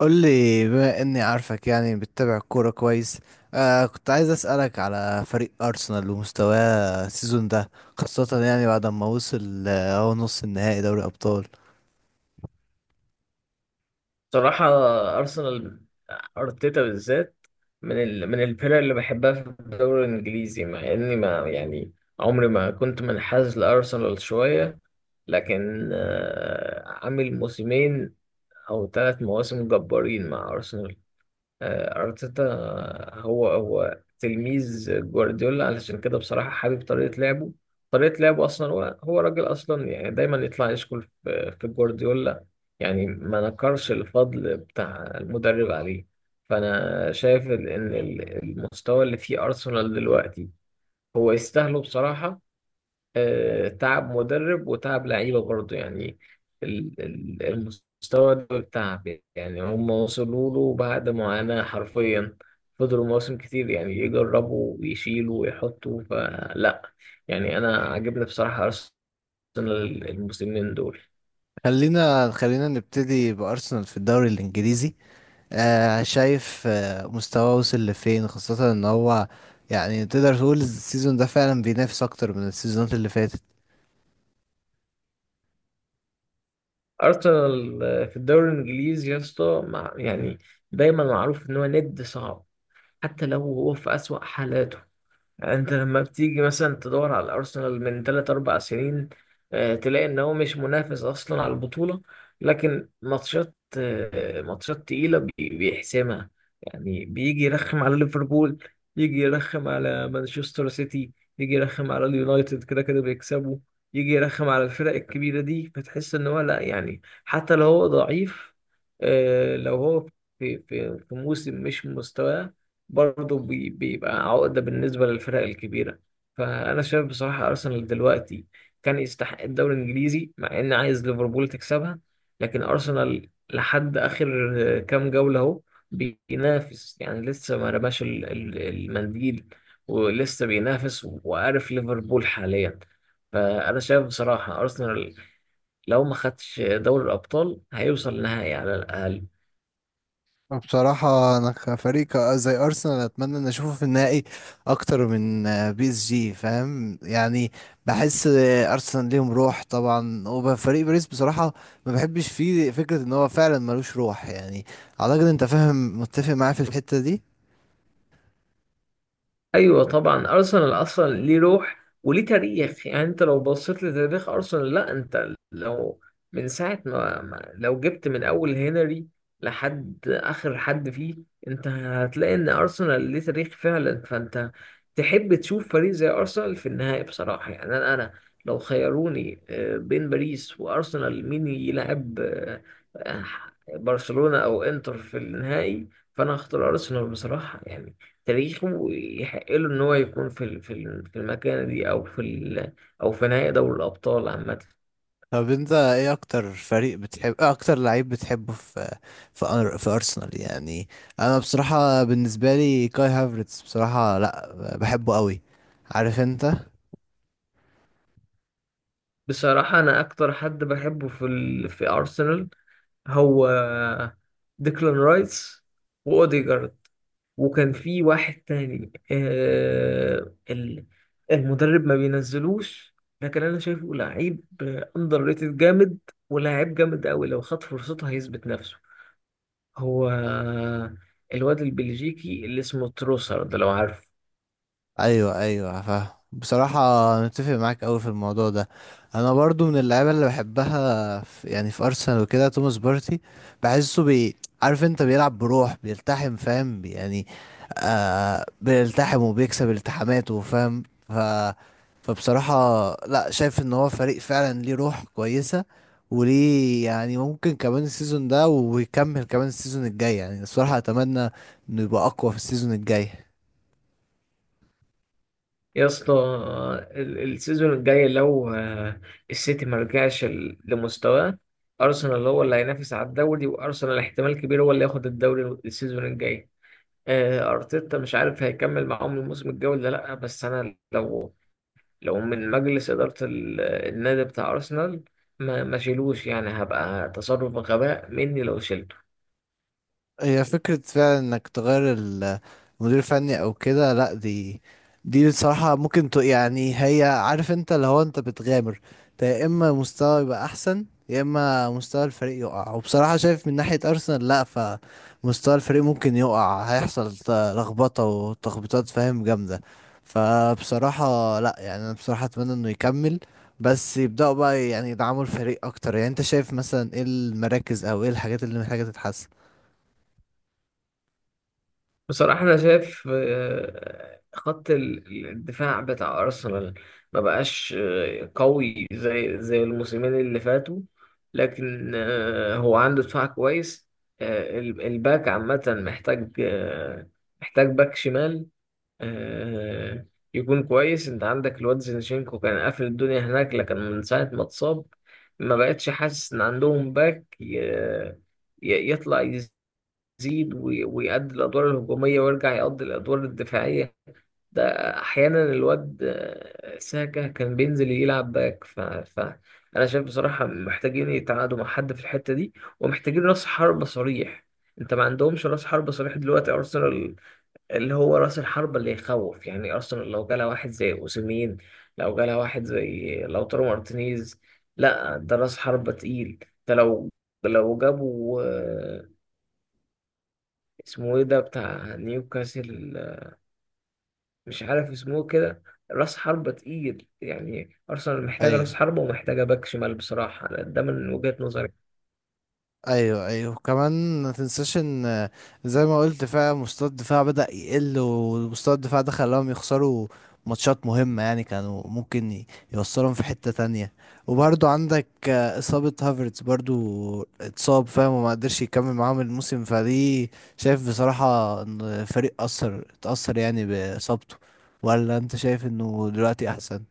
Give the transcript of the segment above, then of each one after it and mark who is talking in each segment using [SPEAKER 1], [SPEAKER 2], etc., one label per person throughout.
[SPEAKER 1] قول لي بما اني عارفك يعني بتتابع الكوره كويس. كنت عايز اسالك على فريق ارسنال ومستواه السيزون ده، خاصه يعني بعد ما وصل هو نص النهائي دوري ابطال.
[SPEAKER 2] صراحة، أرسنال، أرتيتا بالذات، من من الفرق اللي بحبها في الدوري الإنجليزي، مع إني ما يعني عمري ما كنت منحاز لأرسنال شوية. لكن عامل موسمين أو ثلاث مواسم جبارين مع أرسنال. أرتيتا هو تلميذ جوارديولا، علشان كده بصراحة حابب طريقة لعبه. طريقة لعبه أصلا، هو راجل أصلا، يعني دايما يطلع يشكر في جوارديولا. يعني ما نكرش الفضل بتاع المدرب عليه. فأنا شايف إن المستوى اللي فيه أرسنال دلوقتي هو يستاهله بصراحة. تعب مدرب وتعب لعيبة برضه، يعني المستوى ده تعب، يعني هم وصلوا له بعد معاناة حرفيا. فضلوا مواسم كتير يعني يجربوا ويشيلوا ويحطوا، فلا، يعني أنا عاجبني بصراحة أرسنال الموسمين دول.
[SPEAKER 1] خلينا نبتدي بارسنال في الدوري الانجليزي. شايف مستواه وصل لفين، خاصه ان هو يعني تقدر تقول السيزون ده فعلا بينافس اكتر من السيزونات اللي فاتت.
[SPEAKER 2] أرسنال في الدوري الإنجليزي يا اسطى، يعني دايما معروف إن هو ند صعب، حتى لو هو في أسوأ حالاته. انت لما بتيجي مثلا تدور على ارسنال من 3 4 سنين، تلاقي ان هو مش منافس اصلا على البطوله، لكن ماتشات، ماتشات تقيله بيحسمها. يعني بيجي يرخم على ليفربول، يجي يرخم على مانشستر سيتي، يجي يرخم على اليونايتد، كده كده بيكسبوا. يجي يرخم على الفرق الكبيره دي، فتحس ان هو لا، يعني حتى لو هو ضعيف، لو هو في موسم مش مستواه، برضه بيبقى عقدة بالنسبة للفرق الكبيرة. فأنا شايف بصراحة أرسنال دلوقتي كان يستحق الدوري الإنجليزي، مع إني عايز ليفربول تكسبها. لكن أرسنال لحد آخر كام جولة أهو بينافس، يعني لسه ما رماش المنديل، ولسه بينافس وعارف ليفربول حاليا. فأنا شايف بصراحة أرسنال، لو ما خدش دوري الأبطال، هيوصل نهائي على الأقل.
[SPEAKER 1] بصراحة أنا كفريق زي أرسنال أتمنى إن أشوفه في النهائي أكتر من بي إس جي، فاهم يعني. بحس أرسنال ليهم روح طبعا، وفريق باريس بصراحة ما بحبش فيه، فكرة إن هو فعلا ملوش روح يعني. أعتقد أنت فاهم، متفق معايا في الحتة دي.
[SPEAKER 2] ايوه طبعا، ارسنال اصلا ليه روح وليه تاريخ. يعني انت لو بصيت لتاريخ ارسنال، لا انت لو من ساعه ما, ما لو جبت من اول هنري لحد اخر حد فيه، انت هتلاقي ان ارسنال ليه تاريخ فعلا. فانت تحب تشوف فريق زي ارسنال في النهائي بصراحه، يعني انا لو خيروني بين باريس وارسنال مين يلعب، آه، برشلونه او انتر في النهائي، فانا هختار ارسنال بصراحه. يعني تاريخه يحق له إن هو يكون في في المكانة دي، أو في ال، أو في نهائي دوري الأبطال عامة.
[SPEAKER 1] طب أنت إيه أكتر فريق بتحب، إيه أكتر لعيب بتحبه في في أرسنال يعني؟ أنا بصراحة بالنسبة لي كاي هافرتز، بصراحة لأ بحبه قوي، عارف أنت.
[SPEAKER 2] بصراحة أنا أكتر حد بحبه في ال في أرسنال هو ديكلان رايس وأوديجارد. وكان في واحد تاني آه المدرب ما بينزلوش، لكن أنا شايفه لعيب أندر ريتد جامد، ولاعيب جامد أوي لو خد فرصته هيثبت نفسه. هو الواد البلجيكي اللي اسمه تروسر ده، لو عارف.
[SPEAKER 1] ايوه، ايوه فاهم. بصراحه انا متفق معاك قوي في الموضوع ده. انا برضو من اللعيبه اللي بحبها في يعني في ارسنال وكده توماس بارتي، بحسه عارف انت، بيلعب بروح، بيلتحم فاهم يعني. آه بيلتحم وبيكسب التحاماته، فاهم. ف فبصراحه لا، شايف ان هو فريق فعلا ليه روح كويسه، وليه يعني ممكن كمان السيزون ده ويكمل كمان السيزون الجاي. يعني الصراحه اتمنى انه يبقى اقوى في السيزون الجاي.
[SPEAKER 2] يا اسطى، السيزون الجاي، لو السيتي ما رجعش لمستواه، ارسنال هو اللي هينافس على الدوري، وارسنال احتمال كبير هو اللي ياخد الدوري السيزون الجاي. ارتيتا مش عارف هيكمل معاهم الموسم الجاي ولا لا، بس انا لو، لو من مجلس اداره النادي بتاع ارسنال، ما شيلوش، يعني هبقى تصرف غباء مني لو شلت.
[SPEAKER 1] هي فكرة فعلا انك تغير المدير الفني او كده، لا، دي بصراحة ممكن يعني هي، عارف انت اللي هو انت بتغامر. انت يا اما مستوى يبقى احسن، يا اما مستوى الفريق يقع. وبصراحة شايف من ناحية ارسنال لا، فمستوى الفريق ممكن يقع، هيحصل لخبطة وتخبيطات فاهم جامدة. فبصراحة لا يعني، انا بصراحة اتمنى انه يكمل، بس يبدأوا بقى يعني يدعموا الفريق اكتر. يعني انت شايف مثلا ايه المراكز او ايه الحاجات اللي محتاجة تتحسن؟
[SPEAKER 2] بصراحة أنا شايف خط الدفاع بتاع أرسنال ما بقاش قوي زي الموسمين اللي فاتوا، لكن هو عنده دفاع كويس. الباك عامة محتاج، محتاج باك شمال آه، يكون كويس. أنت عندك الواد زينشينكو كان قافل الدنيا هناك، لكن من ساعة ما اتصاب ما بقتش حاسس إن عندهم باك يطلع يزيد ويأدي الأدوار الهجومية ويرجع يقضي الأدوار الدفاعية. ده أحيانا الواد ساكا كان بينزل يلعب باك أنا شايف بصراحة محتاجين يتعاقدوا مع حد في الحتة دي. ومحتاجين رأس حربة صريح، أنت ما عندهمش رأس حربة صريح دلوقتي أرسنال، اللي هو رأس الحربة اللي يخوف. يعني أرسنال لو جالها واحد زي أوسيمين، لو جالها واحد زي لوتارو مارتينيز، لا ده رأس حربة تقيل. ده لو، لو جابوا اسمه ايه ده بتاع نيوكاسل، مش عارف اسمه كده، راس حربة تقيل. يعني أرسنال محتاجة راس
[SPEAKER 1] ايوه،
[SPEAKER 2] حربة ومحتاجة باك شمال بصراحة، ده من وجهة نظري.
[SPEAKER 1] ايوه كمان ما تنساش ان زي ما قلت فعلا مستوى الدفاع بدأ يقل، ومستوى الدفاع ده خلاهم يخسروا ماتشات مهمة يعني، كانوا ممكن يوصلهم في حتة تانية. وبرضو عندك إصابة هافرتز، برضو اتصاب فاهم، وما قدرش يكمل معاهم الموسم. فدي شايف بصراحة ان الفريق أثر، اتأثر يعني بإصابته، ولا انت شايف انه دلوقتي احسن؟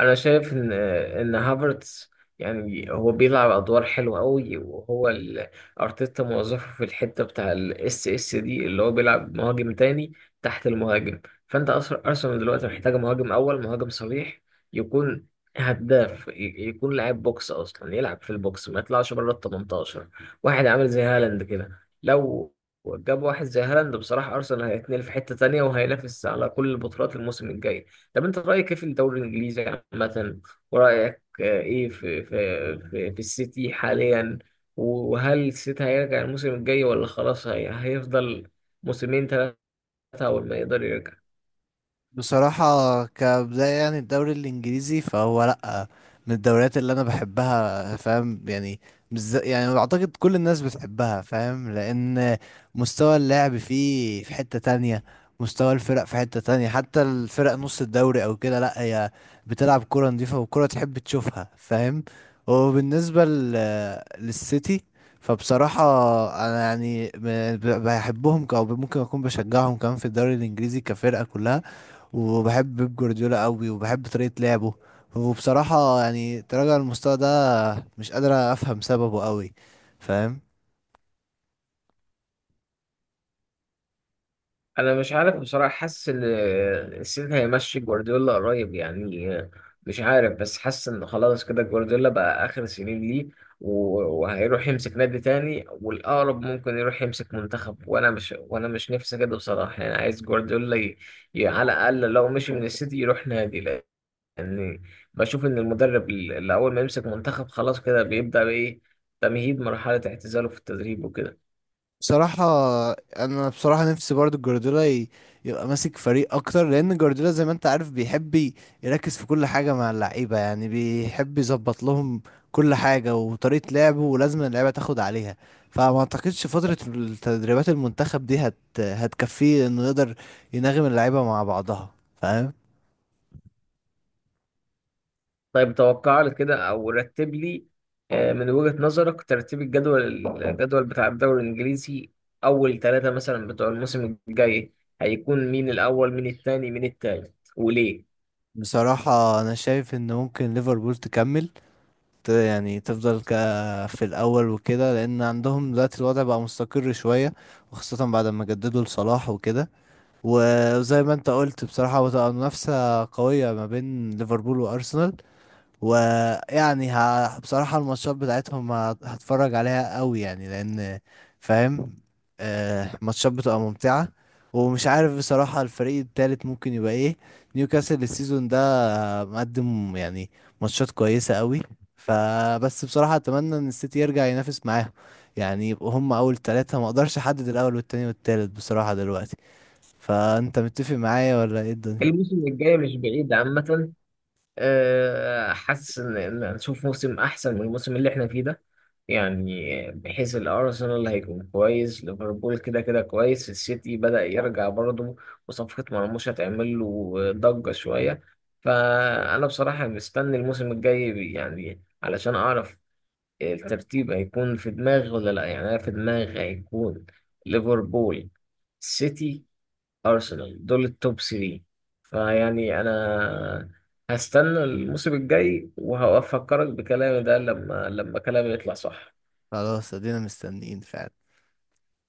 [SPEAKER 2] انا شايف ان هافرتس، يعني هو بيلعب ادوار حلوه قوي، وهو ارتيتا موظفه في الحته بتاع الاس اس دي، اللي هو بيلعب مهاجم تاني تحت المهاجم. فانت اصلا ارسنال دلوقتي محتاجه مهاجم اول، مهاجم صريح، يكون هداف، يكون لاعب بوكس، اصلا يلعب في البوكس ما يطلعش بره ال 18. واحد عامل زي هالاند كده، لو جاب واحد زي هالاند بصراحه ارسنال هيتنقل في حته تانيه وهينافس على كل البطولات الموسم الجاي. طب انت رايك ايه في الدوري الانجليزي عامه، ورايك ايه في السيتي حاليا؟ وهل السيتي هيرجع الموسم الجاي ولا خلاص هي هيفضل موسمين ثلاثه اول ما يقدر يرجع؟
[SPEAKER 1] بصراحة كبداية يعني الدوري الإنجليزي فهو لأ، من الدوريات اللي أنا بحبها فاهم يعني. مش زي- يعني أعتقد كل الناس بتحبها، فاهم، لأن مستوى اللعب فيه في حتة تانية، مستوى الفرق في حتة تانية، حتى الفرق نص الدوري أو كده لأ، هي بتلعب كرة نظيفة وكرة تحب تشوفها، فاهم. وبالنسبة للسيتي، فبصراحة أنا يعني بحبهم أو ممكن أكون بشجعهم كمان في الدوري الإنجليزي كفرقة كلها، وبحب بيب جوارديولا قوي وبحب طريقة لعبه. وبصراحة يعني تراجع المستوى ده مش قادر أفهم سببه قوي، فاهم.
[SPEAKER 2] انا مش عارف بصراحه، حاسس ان السيتي هيمشي جوارديولا قريب يعني. مش عارف، بس حاسس ان خلاص كده جوارديولا بقى اخر سنين ليه، وهيروح يمسك نادي تاني، والاقرب ممكن يروح يمسك منتخب. وانا مش نفسي كده بصراحه، يعني عايز جوارديولا على الاقل لو مشي من السيتي يروح نادي. لان بشوف ان المدرب اللي اول ما يمسك منتخب، خلاص كده بيبدا بايه، تمهيد مرحله اعتزاله في التدريب وكده.
[SPEAKER 1] بصراحة أنا بصراحة نفسي برضو جوارديولا يبقى ماسك فريق أكتر، لأن جوارديولا زي ما أنت عارف بيحب يركز في كل حاجة مع اللعيبة، يعني بيحب يظبط لهم كل حاجة وطريقة لعبه، ولازم اللعيبة تاخد عليها. فما أعتقدش فترة التدريبات المنتخب دي هتكفيه إنه يقدر يناغم اللعيبة مع بعضها، فاهم.
[SPEAKER 2] طيب توقع لي كده او رتب لي من وجهة نظرك ترتيب الجدول، بتاع الدوري الانجليزي، اول ثلاثة مثلا بتوع الموسم الجاي، هيكون مين الاول، مين الثاني، مين الثالث، وليه؟
[SPEAKER 1] بصراحة أنا شايف إن ممكن ليفربول تكمل، يعني تفضل في الأول وكده، لأن عندهم دلوقتي الوضع بقى مستقر شوية، وخاصة بعد ما جددوا لصلاح وكده. وزي ما أنت قلت بصراحة بتبقى منافسة قوية ما بين ليفربول وأرسنال، ويعني بصراحة الماتشات بتاعتهم هتفرج عليها قوي يعني، لأن فاهم آه ماتشات بتبقى ممتعة. ومش عارف بصراحة الفريق التالت ممكن يبقى ايه، نيوكاسل السيزون ده مقدم يعني ماتشات كويسة قوي. فبس بصراحة أتمنى إن السيتي يرجع ينافس معاهم، يعني يبقوا هم أول 3. مقدرش أحدد الأول والتاني والتالت بصراحة دلوقتي. فأنت متفق معايا ولا ايه الدنيا؟
[SPEAKER 2] الموسم الجاي مش بعيد عامة، حاسس إن هنشوف موسم احسن من الموسم اللي احنا فيه ده. يعني بحيث الارسنال هيكون كويس، ليفربول كده كده كويس، السيتي بدأ يرجع برضه، وصفقة مرموش هتعمل له ضجة شوية. فانا بصراحة مستني الموسم الجاي يعني علشان اعرف الترتيب هيكون في دماغي ولا لا. يعني انا في دماغي هيكون ليفربول، سيتي، أرسنال، دول التوب 3. فيعني أنا هستنى الموسم الجاي وهفكرك بكلامي ده لما كلامي يطلع صح.
[SPEAKER 1] خلاص، ادينا مستنيين فعلا.